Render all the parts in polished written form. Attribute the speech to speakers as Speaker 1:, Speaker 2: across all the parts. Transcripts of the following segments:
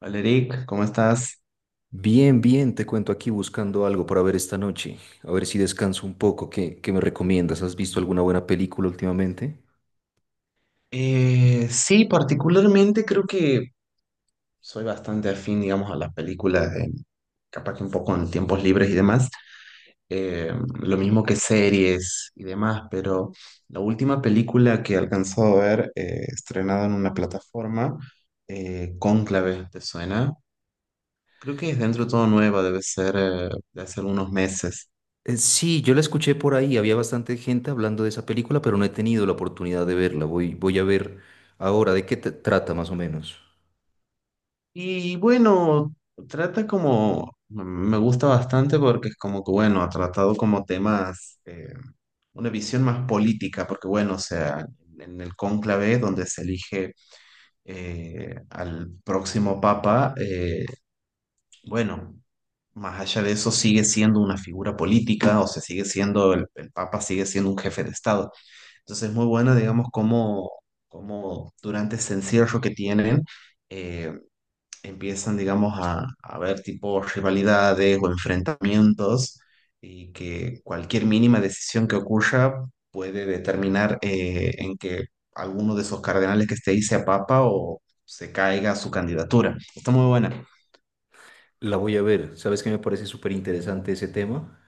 Speaker 1: Hola Eric, ¿cómo estás?
Speaker 2: Bien, bien, te cuento aquí buscando algo para ver esta noche. A ver si descanso un poco. ¿Qué me recomiendas? ¿Has visto alguna buena película últimamente?
Speaker 1: Sí, particularmente creo que soy bastante afín, digamos, a las películas, capaz que un poco en tiempos libres y demás, eh, lo mismo que series y demás, pero la última película que alcanzó a ver, estrenada en una plataforma, Cónclave, ¿te suena? Creo que es dentro de todo nueva, debe ser de hace unos meses.
Speaker 2: Sí, yo la escuché por ahí. Había bastante gente hablando de esa película, pero no he tenido la oportunidad de verla. Voy a ver ahora de qué te trata más o menos.
Speaker 1: Y bueno, trata como, me gusta bastante porque es como que, bueno, ha tratado como temas, una visión más política, porque bueno, o sea, en el cónclave donde se elige al próximo papa, bueno, más allá de eso sigue siendo una figura política, o sea, sigue siendo, el papa sigue siendo un jefe de Estado. Entonces es muy buena, digamos, como, como durante ese encierro que tienen. eh, Empiezan, digamos, a haber tipo rivalidades o enfrentamientos y que cualquier mínima decisión que ocurra puede determinar en que alguno de esos cardenales que esté ahí sea papa o se caiga su candidatura. Está muy buena.
Speaker 2: La voy a ver. ¿Sabes qué me parece súper interesante ese tema?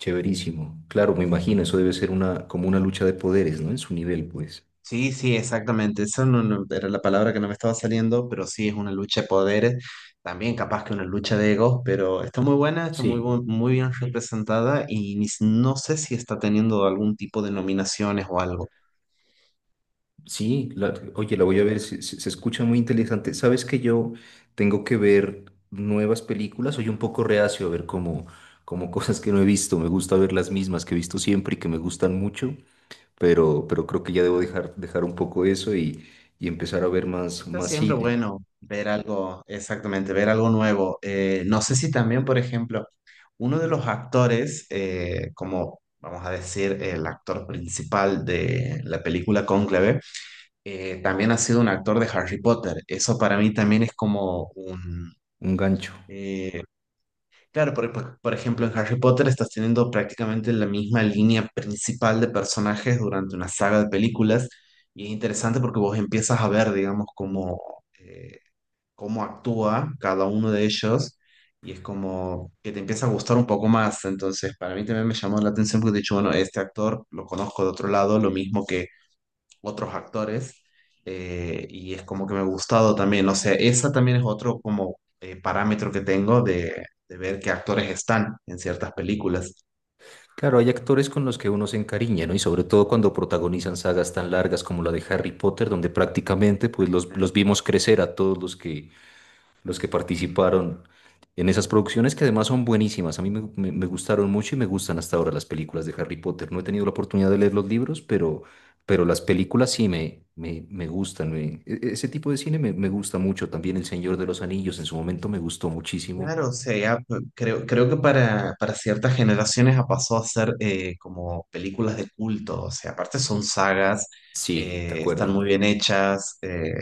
Speaker 2: Chéverísimo. Claro, me imagino, eso debe ser una, como una lucha de poderes, ¿no? En su nivel, pues.
Speaker 1: Sí, sí, exactamente. Esa era la palabra que no me estaba saliendo, pero sí es una lucha de poderes, también capaz que una lucha de egos, pero está muy buena, está
Speaker 2: Sí.
Speaker 1: muy bien representada y ni s- no sé si está teniendo algún tipo de nominaciones o algo.
Speaker 2: Sí, oye, la voy a ver, se escucha muy interesante. Sabes que yo tengo que ver nuevas películas, soy un poco reacio a ver como cosas que no he visto, me gusta ver las mismas que he visto siempre y que me gustan mucho, pero creo que ya debo
Speaker 1: Claro.
Speaker 2: dejar un poco eso y empezar a ver
Speaker 1: Está
Speaker 2: más
Speaker 1: siempre
Speaker 2: cine,
Speaker 1: bueno ver algo, exactamente, ver algo nuevo. No sé si también, por ejemplo, uno de los actores, como vamos a decir, el actor principal de la película Cónclave, también ha sido un actor de Harry Potter. Eso para mí también es como un...
Speaker 2: un gancho.
Speaker 1: eh, claro, por ejemplo, en Harry Potter estás teniendo prácticamente la misma línea principal de personajes durante una saga de películas. Y es interesante porque vos empiezas a ver, digamos, como... eh, cómo actúa cada uno de ellos y es como que te empieza a gustar un poco más. Entonces, para mí también me llamó la atención porque he dicho, bueno, este actor lo conozco de otro lado, lo mismo que otros actores, y es como que me ha gustado también. O sea, esa también es otro como parámetro que tengo de ver qué actores están en ciertas películas.
Speaker 2: Claro, hay actores con los que uno se encariña, ¿no? Y sobre todo cuando protagonizan sagas tan largas como la de Harry Potter, donde prácticamente pues los vimos crecer a todos los que participaron en esas producciones que además son buenísimas. A mí me gustaron mucho y me gustan hasta ahora las películas de Harry Potter. No he tenido la oportunidad de leer los libros, pero las películas sí me gustan. Ese tipo de cine me gusta mucho. También El Señor de los Anillos en su momento me gustó muchísimo.
Speaker 1: Claro, o sea, ya, creo, creo que para ciertas generaciones ha pasado a ser como películas de culto, o sea, aparte son sagas,
Speaker 2: Sí, de
Speaker 1: están
Speaker 2: acuerdo.
Speaker 1: muy bien hechas, eh,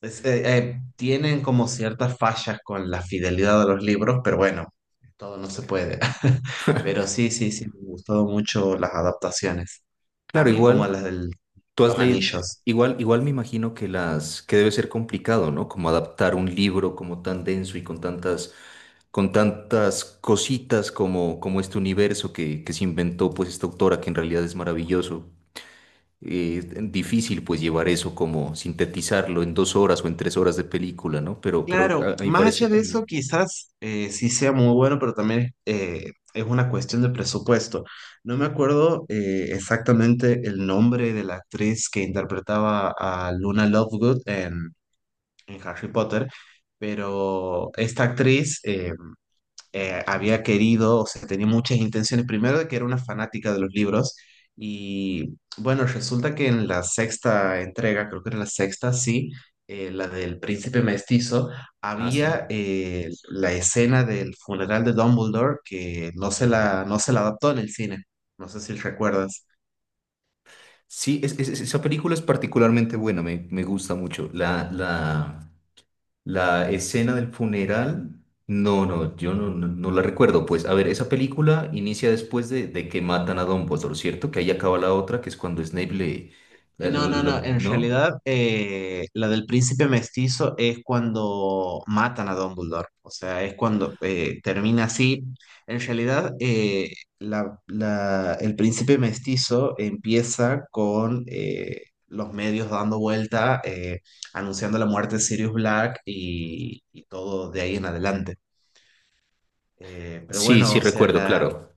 Speaker 1: es- eh, eh, tienen como ciertas fallas con la fidelidad de los libros, pero bueno, todo no se puede. Pero sí, sí, sí, me han gustado mucho las adaptaciones,
Speaker 2: Claro,
Speaker 1: también como
Speaker 2: igual.
Speaker 1: las del, de
Speaker 2: Tú has
Speaker 1: los
Speaker 2: leído,
Speaker 1: anillos.
Speaker 2: igual me imagino que las, que debe ser complicado, ¿no? Como adaptar un libro como tan denso y con tantas cositas como, como este universo que se inventó pues esta autora que en realidad es maravilloso. Eh, Difícil pues llevar eso como sintetizarlo en dos horas o en tres horas de película, ¿no? Pero, pero
Speaker 1: Claro,
Speaker 2: a, a mi
Speaker 1: más allá
Speaker 2: parecer...
Speaker 1: de
Speaker 2: Muy
Speaker 1: eso,
Speaker 2: bien.
Speaker 1: quizás sí sea muy bueno, pero también es una cuestión de presupuesto. No me acuerdo exactamente el nombre de la actriz que interpretaba a Luna Lovegood en Harry Potter, pero esta actriz, había querido, o sea, tenía muchas intenciones, primero de que era una fanática de los libros y bueno, resulta que en la sexta entrega, creo que era la sexta, sí, la del príncipe mestizo,
Speaker 2: Ah, sí.
Speaker 1: había la escena del funeral de Dumbledore que no se la adaptó en el cine, no sé si recuerdas.
Speaker 2: Sí, esa película es particularmente buena, me gusta mucho. La escena del funeral, no, yo no la recuerdo. Pues, a ver, esa película inicia después de que matan a Dumbledore, ¿cierto? Que ahí acaba la otra, que es cuando Snape le...
Speaker 1: No, no, no. En
Speaker 2: ¿no?
Speaker 1: realidad, la del príncipe mestizo es cuando matan a Dumbledore. O sea, es cuando termina así. En realidad, el príncipe mestizo empieza con los medios dando vuelta, anunciando la muerte de Sirius Black y todo de ahí en adelante. Pero
Speaker 2: Sí,
Speaker 1: bueno,
Speaker 2: sí,
Speaker 1: o sea,
Speaker 2: recuerdo,
Speaker 1: la
Speaker 2: claro.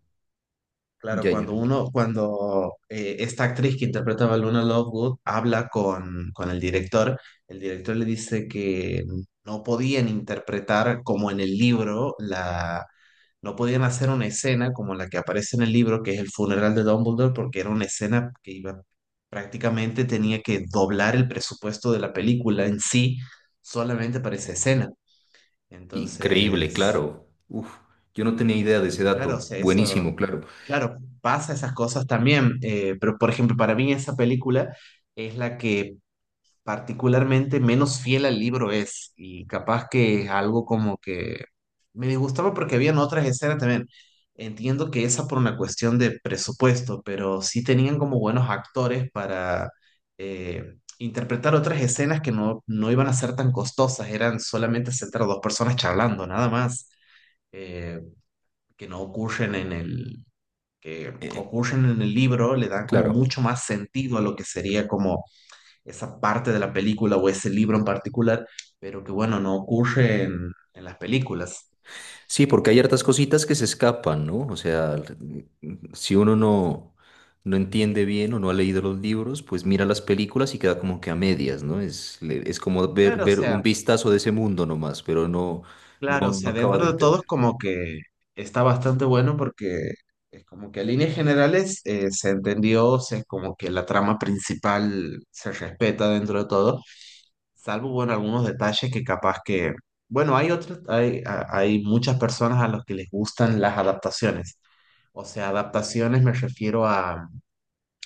Speaker 1: claro,
Speaker 2: Ya, ya.
Speaker 1: cuando uno, cuando esta actriz que interpretaba a Luna Lovegood habla con el director le dice que no podían interpretar como en el libro, no podían hacer una escena como la que aparece en el libro, que es el funeral de Dumbledore, porque era una escena que iba, prácticamente tenía que doblar el presupuesto de la película en sí solamente para esa escena.
Speaker 2: Increíble,
Speaker 1: Entonces,
Speaker 2: claro. Uf, yo no tenía idea de ese
Speaker 1: claro, o
Speaker 2: dato.
Speaker 1: sea, eso.
Speaker 2: Buenísimo, claro.
Speaker 1: Claro, pasa esas cosas también, pero por ejemplo, para mí esa película es la que particularmente menos fiel al libro es y capaz que es algo como que me disgustaba porque habían otras escenas también. Entiendo que esa por una cuestión de presupuesto, pero sí tenían como buenos actores para interpretar otras escenas que no iban a ser tan costosas, eran solamente sentar a dos personas charlando, nada más, eh, que no ocurren en el que
Speaker 2: Eh,
Speaker 1: ocurren en el libro le dan como mucho
Speaker 2: claro.
Speaker 1: más sentido a lo que sería como esa parte de la película o ese libro en particular, pero que bueno, no ocurre en las películas.
Speaker 2: Sí, porque hay hartas cositas que se escapan, ¿no? O sea, si uno no entiende bien o no ha leído los libros, pues mira las películas y queda como que a medias, ¿no? Es como ver,
Speaker 1: Claro, o
Speaker 2: ver un
Speaker 1: sea,
Speaker 2: vistazo de ese mundo nomás, pero
Speaker 1: claro, o
Speaker 2: no
Speaker 1: sea,
Speaker 2: acaba de
Speaker 1: dentro de todo es
Speaker 2: entender.
Speaker 1: como que está bastante bueno porque es como que a líneas generales se entendió, o sea, es como que la trama principal se respeta dentro de todo, salvo bueno, algunos detalles que capaz que... Bueno, hay otros, hay muchas personas a las que les gustan las adaptaciones. O sea, adaptaciones me refiero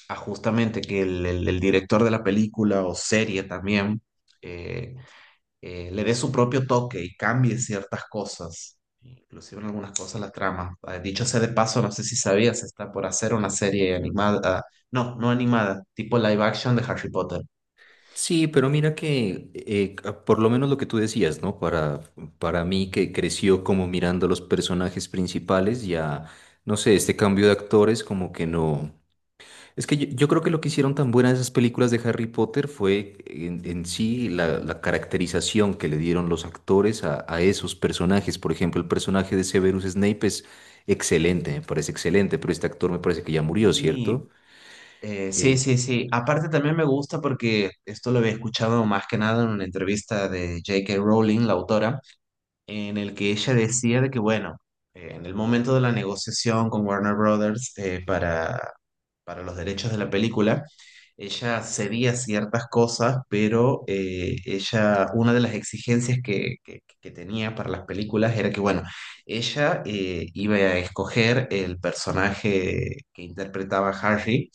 Speaker 1: a justamente que el director de la película o serie también eh, le dé su propio toque y cambie ciertas cosas, inclusive en algunas cosas la trama. Ah, dicho sea de paso, no sé si sabías, está por hacer una serie animada, no animada, tipo live action de Harry Potter.
Speaker 2: Sí, pero mira que por lo menos lo que tú decías, ¿no? Para mí que creció como mirando los personajes principales, ya, no sé, este cambio de actores como que no. Es que yo creo que lo que hicieron tan buenas esas películas de Harry Potter fue en sí la caracterización que le dieron los actores a esos personajes. Por ejemplo, el personaje de Severus Snape es excelente, me parece excelente, pero este actor me parece que ya murió, ¿cierto?
Speaker 1: Y sí,
Speaker 2: Eh,
Speaker 1: sí, sí. Aparte también me gusta porque esto lo había escuchado más que nada en una entrevista de J.K. Rowling, la autora en el que ella decía de que, bueno, en el momento de la negociación con Warner Brothers para los derechos de la película, ella cedía ciertas cosas, pero ella, una de las exigencias que, que tenía para las películas era que, bueno, ella iba a escoger el personaje que interpretaba Harry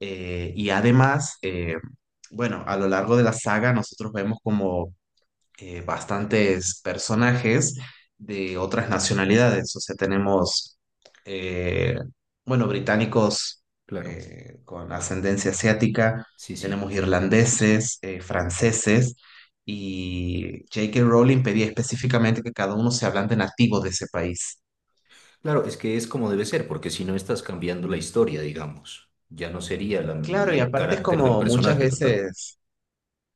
Speaker 1: eh, y además... eh, bueno, a lo largo de la saga nosotros vemos como bastantes personajes de otras nacionalidades. O sea, tenemos, eh, bueno, británicos
Speaker 2: claro,
Speaker 1: con ascendencia asiática,
Speaker 2: sí,
Speaker 1: tenemos
Speaker 2: sí.
Speaker 1: irlandeses, franceses, y J.K. Rowling pedía específicamente que cada uno se hablante nativo de ese país.
Speaker 2: Claro, es que es como debe ser, porque si no estás cambiando la historia, digamos, ya no sería la,
Speaker 1: Claro,
Speaker 2: y
Speaker 1: y
Speaker 2: el
Speaker 1: aparte es
Speaker 2: carácter del
Speaker 1: como muchas
Speaker 2: personaje total.
Speaker 1: veces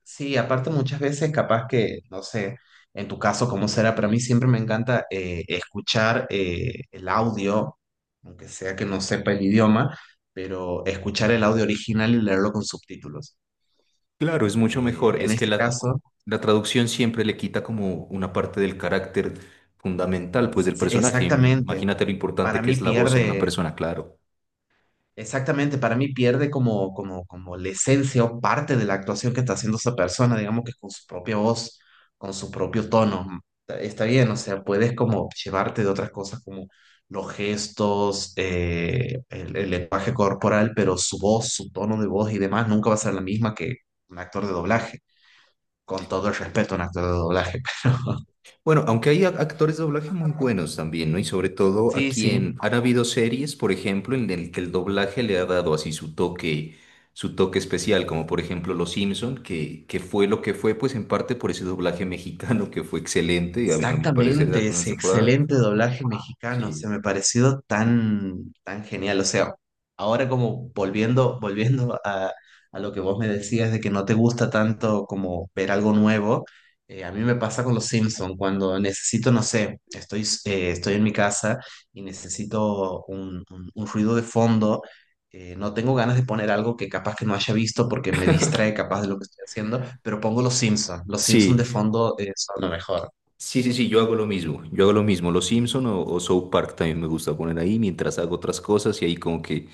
Speaker 1: sí, aparte muchas veces capaz que, no sé, en tu caso cómo será, pero a mí siempre me encanta escuchar el audio, aunque sea que no sepa el idioma, pero escuchar el audio original y leerlo con subtítulos.
Speaker 2: Claro, es mucho mejor.
Speaker 1: Eh, en este caso,
Speaker 2: La traducción siempre le quita como una parte del carácter fundamental, pues, del
Speaker 1: sí,
Speaker 2: personaje.
Speaker 1: exactamente,
Speaker 2: Imagínate lo importante
Speaker 1: para
Speaker 2: que
Speaker 1: mí
Speaker 2: es la voz en una
Speaker 1: pierde,
Speaker 2: persona, claro.
Speaker 1: exactamente, para mí pierde como, como, como la esencia o parte de la actuación que está haciendo esa persona, digamos que con su propia voz, con su propio tono. Está bien, o sea, puedes como llevarte de otras cosas como los gestos, el lenguaje corporal, pero su voz, su tono de voz y demás nunca va a ser la misma que un actor de doblaje, con todo el respeto a un actor de doblaje.
Speaker 2: Bueno, aunque hay actores de doblaje muy buenos también, ¿no? Y sobre todo
Speaker 1: Sí,
Speaker 2: aquí
Speaker 1: sí.
Speaker 2: en... Han habido series, por ejemplo, en el que el doblaje le ha dado así su toque especial, como por ejemplo Los Simpson, que fue lo que fue, pues, en parte por ese doblaje mexicano que fue excelente, a a mi parecer, de las
Speaker 1: Exactamente,
Speaker 2: primeras
Speaker 1: ese
Speaker 2: temporadas.
Speaker 1: excelente doblaje mexicano,
Speaker 2: Sí.
Speaker 1: se me pareció tan, tan genial. O sea, ahora como volviendo, volviendo a lo que vos me decías de que no te gusta tanto como ver algo nuevo, a mí me pasa con los Simpson, cuando necesito, no sé, estoy en mi casa y necesito un ruido de fondo, no tengo ganas de poner algo que capaz que no haya visto porque me distrae capaz de lo que estoy haciendo, pero pongo los Simpson. Los Simpson
Speaker 2: Sí,
Speaker 1: de fondo, son lo mejor.
Speaker 2: Sí, sí, sí, yo hago lo mismo. Yo hago lo mismo. Los Simpson o South Park también me gusta poner ahí mientras hago otras cosas y ahí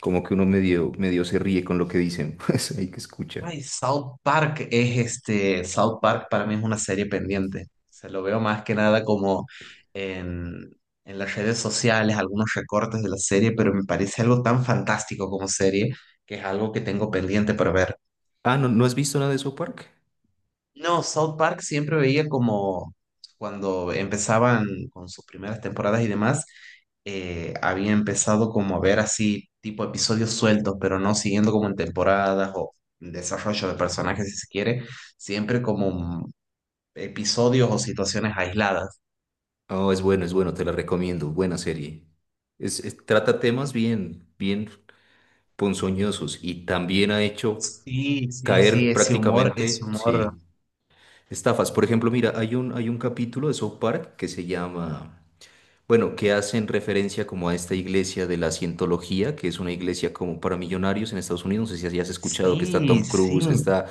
Speaker 2: como que uno medio se ríe con lo que dicen. Pues ahí que escucha.
Speaker 1: Ay, South Park es este, South Park para mí es una serie pendiente. Se lo veo más que nada como en, en las redes sociales, algunos recortes de la serie, pero me parece algo tan fantástico como serie que es algo que tengo pendiente para ver.
Speaker 2: Ah, ¿no, no has visto nada de South Park?
Speaker 1: No, South Park siempre veía como cuando empezaban con sus primeras temporadas y demás, había empezado como a ver así tipo episodios sueltos, pero no siguiendo como en temporadas o desarrollo de personajes si se quiere, siempre como episodios o situaciones aisladas.
Speaker 2: Oh, es bueno, te la recomiendo. Buena serie. Trata temas bien, bien ponzoñosos y también ha hecho
Speaker 1: Sí, sí, sí,
Speaker 2: caer
Speaker 1: ese humor, ese
Speaker 2: prácticamente,
Speaker 1: humor.
Speaker 2: sí, estafas. Por ejemplo, mira, hay hay un capítulo de South Park que se llama... bueno, que hacen referencia como a esta iglesia de la cientología, que es una iglesia como para millonarios en Estados Unidos, no sé si has escuchado que está
Speaker 1: Sí,
Speaker 2: Tom
Speaker 1: sí,
Speaker 2: Cruise, que está...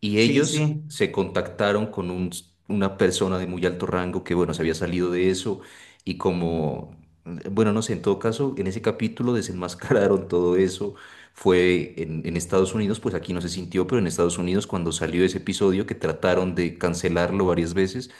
Speaker 2: Y
Speaker 1: sí,
Speaker 2: ellos
Speaker 1: sí.
Speaker 2: se contactaron con una persona de muy alto rango que, bueno, se había salido de eso y como, bueno, no sé, en todo caso, en ese capítulo desenmascararon todo eso. Fue en Estados Unidos, pues aquí no se sintió, pero en Estados Unidos cuando salió ese episodio que trataron de cancelarlo varias veces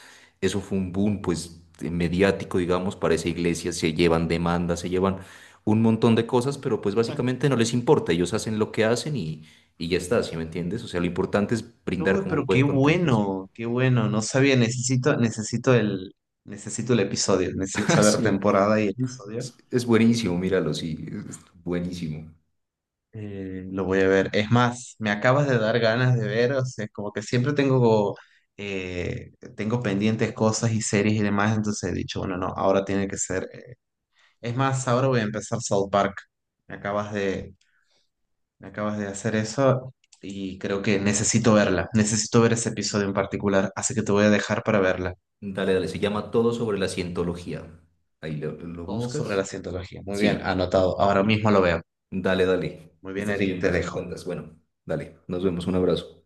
Speaker 2: eso fue un boom, pues, mediático, digamos, para esa iglesia, se llevan demandas, se llevan un montón de cosas, pero pues básicamente no les importa, ellos hacen lo que hacen y ya está, ¿sí me entiendes? O sea, lo importante es brindar
Speaker 1: Uy,
Speaker 2: como
Speaker 1: pero
Speaker 2: buen
Speaker 1: qué
Speaker 2: contenido. Sí,
Speaker 1: bueno, qué bueno. No sabía, necesito, necesito el episodio, necesito saber
Speaker 2: Sí,
Speaker 1: temporada y episodio.
Speaker 2: es buenísimo, míralo, sí, es buenísimo.
Speaker 1: Lo voy a ver. Es más, me acabas de dar ganas de ver, o sea, como que siempre tengo, eh, tengo pendientes cosas y series y demás, entonces he dicho, bueno, no, ahora tiene que ser. Es más, ahora voy a empezar South Park. Me acabas de, me acabas de hacer eso y creo que necesito verla, necesito ver ese episodio en particular, así que te voy a dejar para verla.
Speaker 2: Dale, dale, se llama Todo sobre la cientología. Ahí lo
Speaker 1: Todo sobre la
Speaker 2: buscas.
Speaker 1: cientología. Muy bien,
Speaker 2: Sí,
Speaker 1: anotado. Ahora mismo lo veo.
Speaker 2: dale, dale.
Speaker 1: Muy bien,
Speaker 2: Estés
Speaker 1: Eric,
Speaker 2: bien,
Speaker 1: te
Speaker 2: pues me
Speaker 1: dejo.
Speaker 2: cuentas. Bueno, dale, nos vemos, un abrazo.